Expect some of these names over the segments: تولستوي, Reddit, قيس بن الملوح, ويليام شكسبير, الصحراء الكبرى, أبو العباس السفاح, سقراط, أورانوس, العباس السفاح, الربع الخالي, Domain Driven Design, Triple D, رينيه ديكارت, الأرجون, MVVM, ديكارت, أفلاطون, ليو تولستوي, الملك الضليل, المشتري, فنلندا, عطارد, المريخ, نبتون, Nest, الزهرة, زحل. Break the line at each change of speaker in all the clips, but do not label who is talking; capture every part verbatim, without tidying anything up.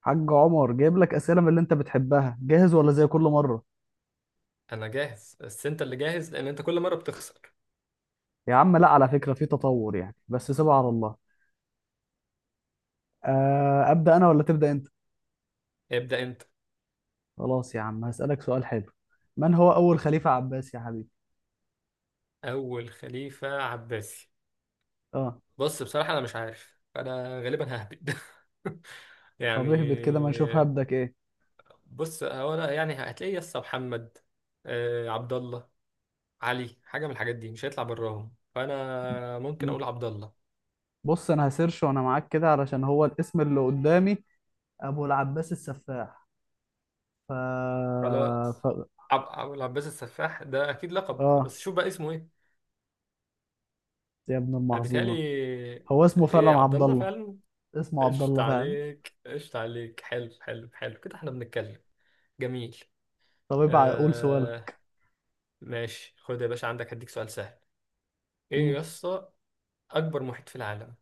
حاج عمر جايب لك اسئله من اللي انت بتحبها، جاهز ولا زي كل مره؟
انا جاهز، بس انت اللي جاهز لان انت كل مره بتخسر.
يا عم لا، على فكره في تطور يعني، بس سيبها على الله. آه، ابدا انا ولا تبدا انت؟
ابدا انت.
خلاص يا عم، هسالك سؤال حلو. من هو اول خليفه عباسي يا حبيبي؟
اول خليفه عباسي؟
اه.
بص، بصراحه انا مش عارف، انا غالبا ههبد. يعني
طب اهبط كده، ما نشوف هبدك ايه.
بص هو انا يعني هتلاقي يس محمد، آه، عبد الله، علي حاجه من الحاجات دي، مش هيطلع براهم، فانا ممكن اقول
مم.
عبد الله.
بص، انا هسيرش وانا معاك كده، علشان هو الاسم اللي قدامي ابو العباس السفاح. ف...
خلاص.
ف...
عب... عب... العباس السفاح ده اكيد لقب،
اه.
بس شوف بقى اسمه ايه.
يا ابن
انا
المحظوظه،
بيتهيألي.
هو اسمه فعلا
ايه، عبد
عبد
الله
الله.
فعلا.
اسمه عبد
قشط
الله فعلا.
عليك، قشط عليك، حلو حلو حلو، كده احنا بنتكلم. جميل.
طب ابقى قول
آه
سؤالك.
ماشي، خد يا باشا عندك، هديك سؤال سهل. ايه يا
مم.
اسطى؟ اكبر محيط في العالم.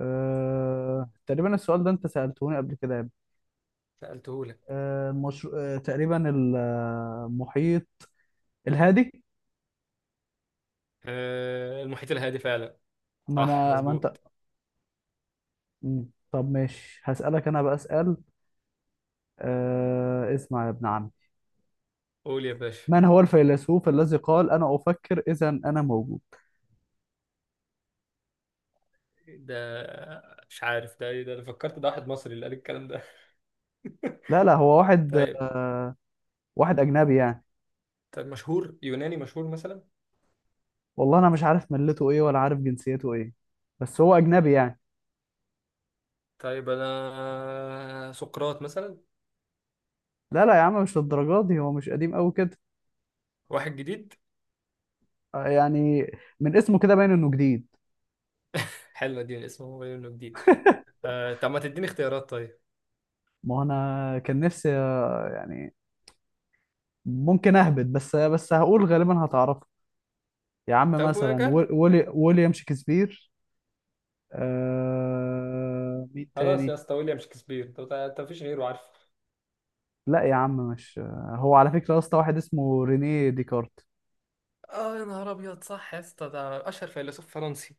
أه... تقريبا السؤال ده انت سألتهوني قبل كده يا ابني.
سألته لك.
أه... مش... أه... تقريبا المحيط الهادي.
آه، المحيط الهادي فعلا.
ما
صح،
انا ما انت.
مظبوط.
مم. طب ماشي، هسألك انا بقى اسأل. أه... اسمع يا ابن عمي،
قول يا باشا.
من هو الفيلسوف الذي قال انا افكر اذا انا موجود؟
ده مش عارف ده، ايه ده؟ انا فكرت ده واحد مصري اللي قال الكلام ده.
لا، لا، هو واحد.
طيب.
واحد اجنبي يعني.
طيب، مشهور يوناني مشهور مثلا؟
والله انا مش عارف ملته ايه ولا عارف جنسيته ايه، بس هو اجنبي يعني.
طيب انا سقراط مثلا.
لا، لا يا عم، مش للدرجه دي، هو مش قديم قوي كده.
واحد جديد؟
آه، يعني من اسمه كده باين انه جديد.
حلو، اديني اسمه هو انه جديد. آه، طب ما تديني اختيارات طيب.
ما هو انا كان نفسي آه، يعني ممكن اهبط، بس بس هقول غالبا هتعرفه. يا عم
طب
مثلا ويل-
وجرب.
ويلي ويليام شكسبير. آه مين
خلاص يا
تاني؟
اسطى، ويليام شكسبير. طب انت مفيش غيره عارفه؟
لا يا عم، مش آه، هو على فكرة اصلا واحد اسمه رينيه ديكارت.
اه يا نهار ابيض، صح يا اسطى، ده اشهر فيلسوف فرنسي.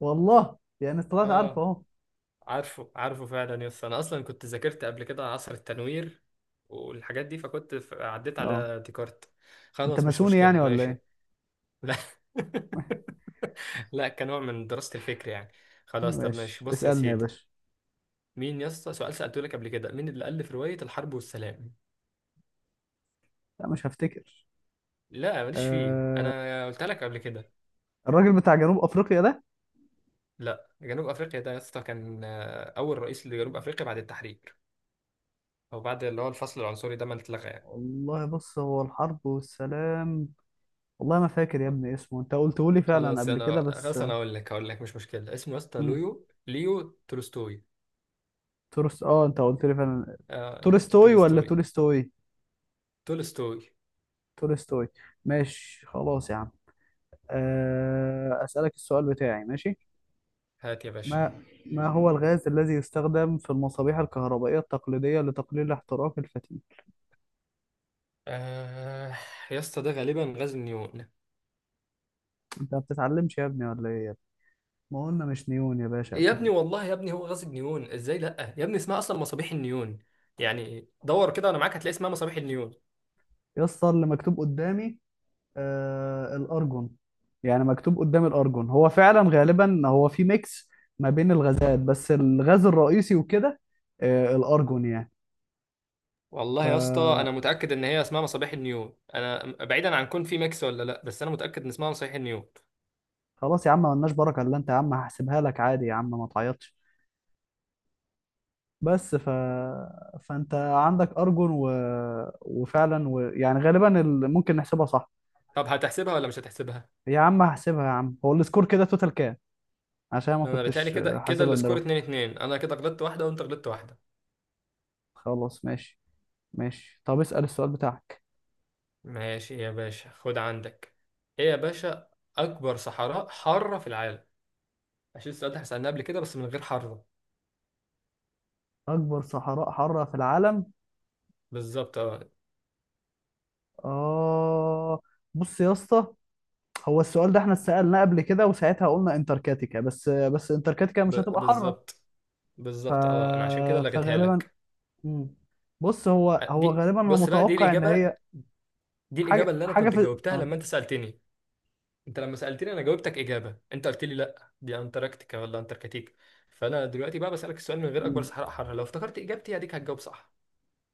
والله يعني طلعت عارفه
اه،
اهو.
عارفه عارفه فعلا يا اسطى. انا اصلا كنت ذاكرت قبل كده عصر التنوير والحاجات دي، فكنت ف- عديت
اه.
على ديكارت.
انت
خلاص، مش
ماسوني يعني
مشكلة،
ولا
ماشي.
ايه؟
لا. لا، كنوع من دراسة الفكر يعني. خلاص، طب
ماشي،
ماشي، بص يا
اسألني يا
سيدي.
باشا.
مين يا اسطى سؤال سألته لك قبل كده: مين اللي ألف رواية الحرب والسلام؟
لا، مش هفتكر.
لا، ماليش فيه، انا قلت لك قبل كده.
الراجل بتاع جنوب افريقيا ده.
لا، جنوب افريقيا ده يا اسطى كان آه، اول رئيس لجنوب افريقيا بعد التحرير، او بعد اللي هو الفصل العنصري ده ما اتلغى يعني.
والله بص، هو الحرب والسلام. والله ما فاكر يا ابني اسمه، انت قلته لي فعلا
خلاص
قبل كده
انا،
بس.
خلاص انا اقول لك، اقول لك مش مشكله. اسمه يا اسطى
مم.
ليو ليو تولستوي.
تورست، اه انت قلت لي فعلا.
آه...
تولستوي ولا
تولستوي.
تولستوي؟
تولستوي.
تولستوي. ماشي خلاص يا عم. آه، أسألك السؤال بتاعي ماشي.
هات يا باشا.
ما ما هو الغاز الذي يستخدم في المصابيح الكهربائية التقليدية لتقليل احتراق الفتيل؟
آه... يا اسطى ده غالبا غاز النيون.
انت ما بتتعلمش يا ابني ولا ايه يا ابني؟ ما قلنا مش نيون يا باشا
يا
قبل
ابني
كده؟
والله يا ابني هو غاز النيون ازاي؟ لا يا ابني، اسمها اصلا مصابيح النيون يعني. دور كده انا معاك، هتلاقي اسمها مصابيح النيون.
يا اسطى، اللي مكتوب قدامي آه الأرجون، يعني مكتوب قدامي الأرجون، هو فعلا غالبا هو في ميكس ما بين الغازات، بس الغاز الرئيسي وكده آه الأرجون يعني.
والله يا اسطى انا
ف
متاكد ان هي اسمها مصابيح النيون. انا بعيدا عن كون في ميكس ولا لا، بس انا متاكد ان اسمها مصابيح النيون.
خلاص يا عم، ملناش بركه الا انت يا عم، هحسبها لك عادي يا عم، ما تعيطش. بس. ف... فانت عندك ارجون و... وفعلا و... يعني غالبا ال... ممكن نحسبها صح.
طب هتحسبها ولا مش هتحسبها؟
يا عم هحسبها، يا عم هو السكور كده توتال كام؟ عشان ما
انا بيتهيألي
كنتش
كده كده
حاسبها من
السكور
دلوقتي.
اتنين اتنين. انا كده غلطت واحده وانت غلطت واحده.
خلاص، ماشي. ماشي، طب اسأل السؤال بتاعك.
ماشي يا باشا، خد عندك. ايه يا باشا؟ اكبر صحراء حاره في العالم. عشان السؤال ده سالناه قبل كده بس من غير حاره.
اكبر صحراء حاره في العالم.
بالظبط، اه.
اه، بص يا اسطى، هو السؤال ده احنا اتسألناه قبل كده وساعتها قلنا انتاركتيكا، بس بس انتاركتيكا
ب...
مش هتبقى حاره.
بالظبط.
ف...
بالظبط اه، انا عشان كده لغيتها
فغالبا.
لك.
مم. بص هو هو
دي
غالبا انا
بص بقى، دي
متوقع ان
الاجابه.
هي
دي الاجابه
حاجه
اللي انا
حاجه
كنت
في
جاوبتها
اه
لما انت سالتني. انت لما سألتني انا جاوبتك اجابة، انت قلت لي لا دي انتاركتيكا ولا انتاركتيكا. فانا دلوقتي بقى بسألك السؤال من غير اكبر
مم.
صحراء حارة، لو افتكرت اجابتي هديك هتجاوب صح.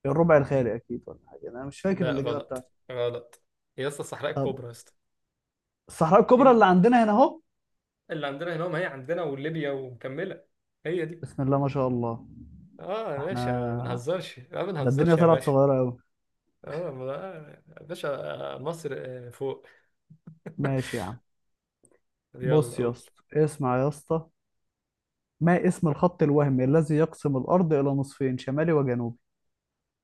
الربع الخالي اكيد، ولا حاجه، انا مش فاكر
لا،
الاجابه بتاعته.
غلط. غلط. يا اسطى الصحراء
طب،
الكبرى يا اسطى.
الصحراء
دي
الكبرى
اللي
اللي عندنا هنا اهو.
اللي عندنا هنا، ما هي عندنا وليبيا ومكملة. هي دي.
بسم الله ما شاء الله.
اه يا
احنا،
باشا، ما بنهزرش ما
ده الدنيا
بنهزرش يا
طلعت
باشا.
صغيره قوي.
اه ما- آه، يا باشا، آه، مصر آه، فوق.
ماشي يا عم.
يلا
بص يا
قول.
اسطى، اسمع يا اسطى، ما اسم الخط الوهمي الذي يقسم الارض الى نصفين شمالي وجنوبي؟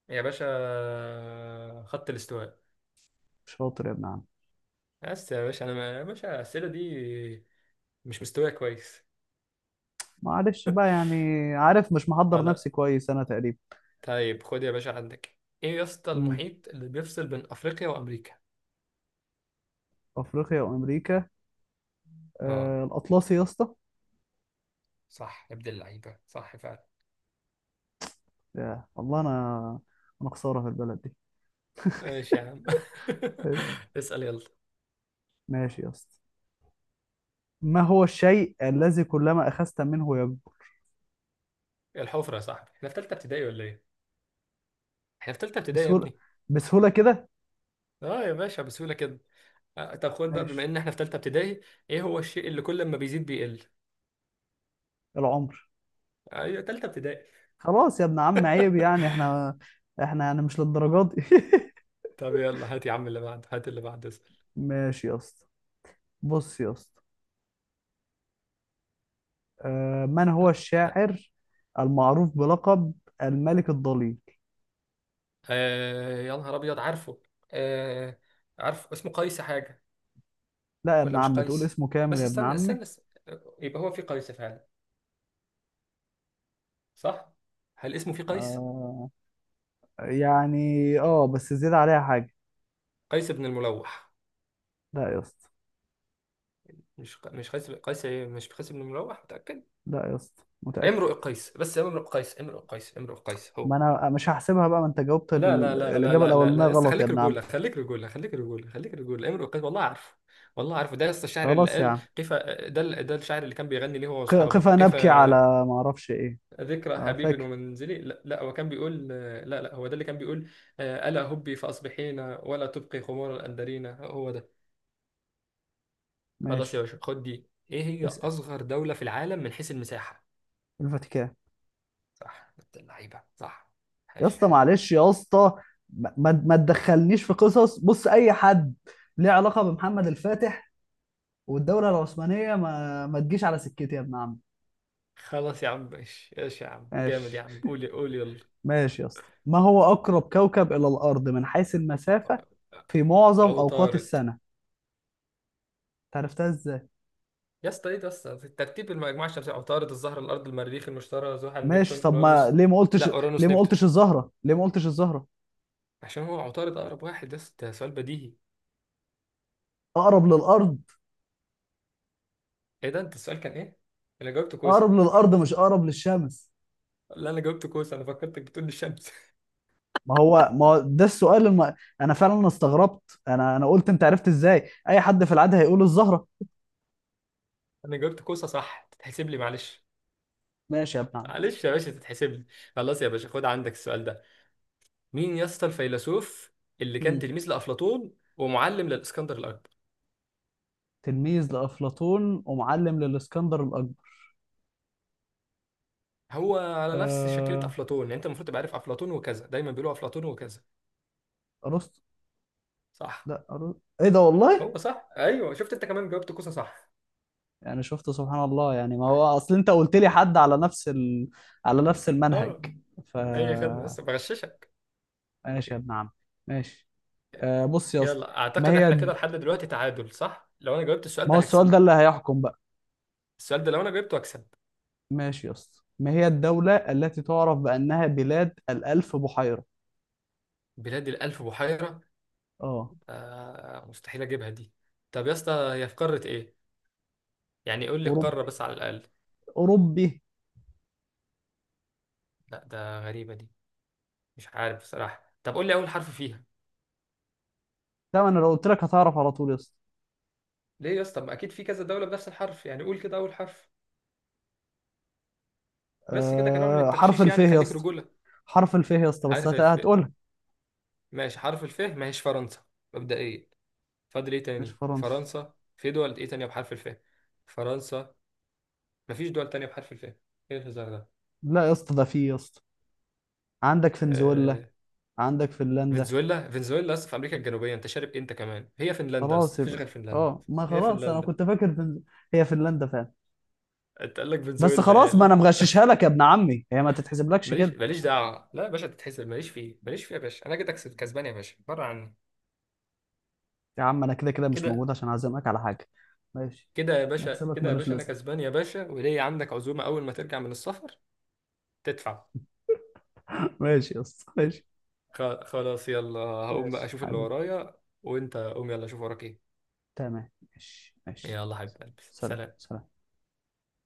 يا باشا آه، خط الاستواء.
شاطر يا ابن عم.
بس يا باشا انا ما- يا باشا الاسئله دي مش مستوايا كويس.
معلش بقى يعني، عارف مش
اه
محضر
لا.
نفسي كويس انا تقريبا.
طيب خد يا باشا عندك. ايه يا اسطى
امم
المحيط اللي بيفصل بين افريقيا وامريكا؟
افريقيا وامريكا.
اه،
آه الاطلسي يا اسطى.
صح يا ابن اللعيبه، صح فعلا.
يا والله انا، انا خساره في البلد دي.
ماشي يا عم.
أيوة.
اسال يلا.
ماشي يا اسطى، ما هو الشيء الذي كلما اخذت منه يكبر؟
الحفره يا صاحبي. احنا في ثالثه ابتدائي ولا ايه؟ احنا في ثالثه ابتدائي يا
بسهوله،
ابني.
بسهوله كده.
اه يا باشا، بسهوله كده. آه طب خد بقى، بما
ماشي.
ان احنا في ثالثه ابتدائي، ايه هو الشيء اللي كل ما بيزيد بيقل؟
العمر.
ايوه، ثالثه ابتدائي.
خلاص يا ابن عم، عيب يعني احنا، احنا يعني مش للدرجات دي.
طب يلا هات يا عم اللي بعده، هات اللي بعده، اسال.
ماشي يا اسطى، بص يا اسطى. آه، من هو الشاعر المعروف بلقب الملك الضليل؟
آه يا نهار ابيض، عارفه. آه. عارف اسمه قيس حاجه،
لا يا ابن
ولا مش
عم، تقول
قيس؟
اسمه كامل
بس
يا ابن
استنى،
عمي.
استنى, استنى. يبقى هو في قيس فعلا. صح. هل اسمه في قيس؟
آه، يعني اه بس زيادة عليها حاجة.
قيس بن الملوح.
لا يا اسطى.
مش ق... مش قيس، قيس إيه؟ مش قيس بن الملوح، متأكد؟
لا يا اسطى متأكد.
امرؤ قيس، بس امرؤ قيس، امرؤ قيس، امرؤ قيس
ما
هو.
انا مش هحسبها بقى، ما انت جاوبت
لا لا
ال-
لا لا
الاجابه
لا لا
الاولانيه
لا، لسه،
غلط يا
خليك
ابن عم.
رجولة، خليك رجولة، خليك رجولة، خليك رجولة. امرؤ قيس، والله عارفه. والله عارفه، ده لسه الشاعر اللي
خلاص يا
قال
عم،
قيف، ده ال- ده الشاعر اللي كان بيغني ليه هو
ق-
واصحابه
قف
قيف
نبكي على، ما اعرفش ايه.
ذكرى
آه،
حبيب
فاكر.
ومنزلي. لا, لا، هو كان بيقول، لا لا هو ده اللي كان بيقول آه، ألا هبي فأصبحين ولا تبقي خمور الأندرين، هو ده. خلاص يا
ماشي،
باشا خد، دي إيه هي
اسال.
أصغر دولة في العالم من حيث المساحة؟
الفاتيكان.
صح، بنت اللعيبة، صح.
يا
ماشي،
اسطى
حلو.
معلش يا اسطى، ما ما ما تدخلنيش في قصص، بص، اي حد ليه علاقه بمحمد الفاتح والدوله العثمانيه، ما ما تجيش على سكتي يا ابن عم.
خلاص يا عم، ماشي، ايش يا عم، جامد يا
ماشي.
عم، قول قول يلا.
ماشي يا اسطى، ما هو اقرب كوكب الى الارض من حيث المسافه في معظم اوقات
عطارد.
السنه؟ انت عرفتها؟
يا اسطى ايه ده يا اسطى، ترتيب المجموعة الشمسية: عطارد، الزهرة، الأرض، المريخ، المشتري، زحل،
ماشي
نبتون،
طب، ما
أورانوس.
ليه ما
لا،
قلتش؟ ليه
أورانوس
ما
نبتون.
قلتش الزهرة، ليه ما قلتش الزهرة؟
عشان هو عطارد أقرب واحد يا اسطى، ده سؤال بديهي.
اقرب للارض.
ايه ده، انت السؤال كان ايه؟ انا جاوبت كوسه.
اقرب للارض مش اقرب للشمس.
لا انا جاوبت كوسه، انا فكرتك بتقول لي الشمس.
ما هو ما هو ده السؤال الم... انا فعلا استغربت، انا انا قلت انت عرفت ازاي، اي حد في العاده هيقول الزهرة.
انا جاوبت كوسه صح، تتحسب لي معلش.
ماشي يا ابن عم.
معلش يا باشا، تتحسب لي. خلاص يا باشا خد عندك السؤال ده. مين يا اسطى الفيلسوف اللي كان
مم.
تلميذ لافلاطون ومعلم للاسكندر الاكبر؟
تلميذ لافلاطون ومعلم للاسكندر الاكبر.
هو على نفس شكلة
آه...
افلاطون يعني، انت المفروض تبقى عارف، افلاطون وكذا دايما بيقولوا افلاطون وكذا.
ارسطو.
صح.
لا أرسطو. ايه ده والله.
هو صح، ايوه، شفت انت كمان جاوبت كوسه صح.
يعني شفت سبحان الله، يعني ما هو اصل انت قلت لي حد على نفس ال... على نفس
اه،
المنهج. ف
اي خدمه، بس بغششك.
ماشي يا ابن عم، ماشي. آه بص يا اسطى.
يلا،
ما
اعتقد
هي
احنا كده لحد دلوقتي تعادل، صح؟ لو انا جاوبت السؤال
ما هو
ده
السؤال
هكسب.
ده اللي هيحكم بقى؟
السؤال ده لو انا جبته اكسب.
ماشي يا اسطى، ما هي الدولة التي تعرف بأنها بلاد الألف بحيرة؟
بلاد الالف بحيره؟
اه.
آه، مستحيل اجيبها دي. طب يا اسطى هي في قاره ايه؟ يعني قول لي القاره
أوروبي،
بس على الاقل.
أوروبي.
لا، ده غريبه دي. مش عارف بصراحه. طب قول لي اول حرف فيها.
ده أنا لو قلت لك هتعرف على طول يا اسطى.
ليه يا اسطى؟ ما اكيد في كذا دوله بنفس الحرف، يعني قول كده اول حرف بس، كده كنوع من
آه حرف
التغشيش
الف
يعني،
يا
خليك
اسطى،
رجوله.
حرف الف يا اسطى، بس
حرف
هت...
الف.
هتقولها.
ماشي حرف الف. ما هيش فرنسا مبدئيا؟ فاضل ايه
مش
تاني؟
فرنسا.
فرنسا. في دول ايه تانية بحرف الف؟ فرنسا. مفيش دول تانية بحرف الف، ايه الهزار ده؟
لا يا اسطى، ده في يا اسطى. عندك فنزويلا،
آه،
عندك فنلندا.
فنزويلا؟ فنزويلا اصلا في امريكا الجنوبيه، انت شارب إيه انت كمان؟ هي فنلندا
خلاص
اصلا، مفيش
يبقى.
غير فنلندا.
اه، ما
هي
خلاص انا
فنلندا.
كنت فاكر فنز... هي فنلندا فعلا.
انت قال لك
بس
فنزويلا،
خلاص، ما انا
قال.
مغششها لك يا ابن عمي، هي ما تتحسبلكش
ماليش،
كده.
ماليش دعوه، لا يا باشا تتحسب، ماليش فيه، ماليش فيه يا باشا، انا كده كسب، كسبان يا باشا، بره عني.
يا عم، انا كده كده مش
كده
موجود عشان اعزمك على حاجه. ماشي.
كده يا باشا،
مكسبك
كده يا
ملوش
باشا انا
لازمه.
كسبان يا باشا، وليا عندك عزومه اول ما ترجع من السفر. تدفع.
ماشي يا اسطى ماشي.
خ- خلاص، يلا هقوم بقى
ماشي
اشوف اللي
حبيبي.
ورايا. وانت قوم يلا، شوف وراك ايه.
تمام، ماشي ماشي.
يلا حبيبي.
سلام
سلام.
سلام.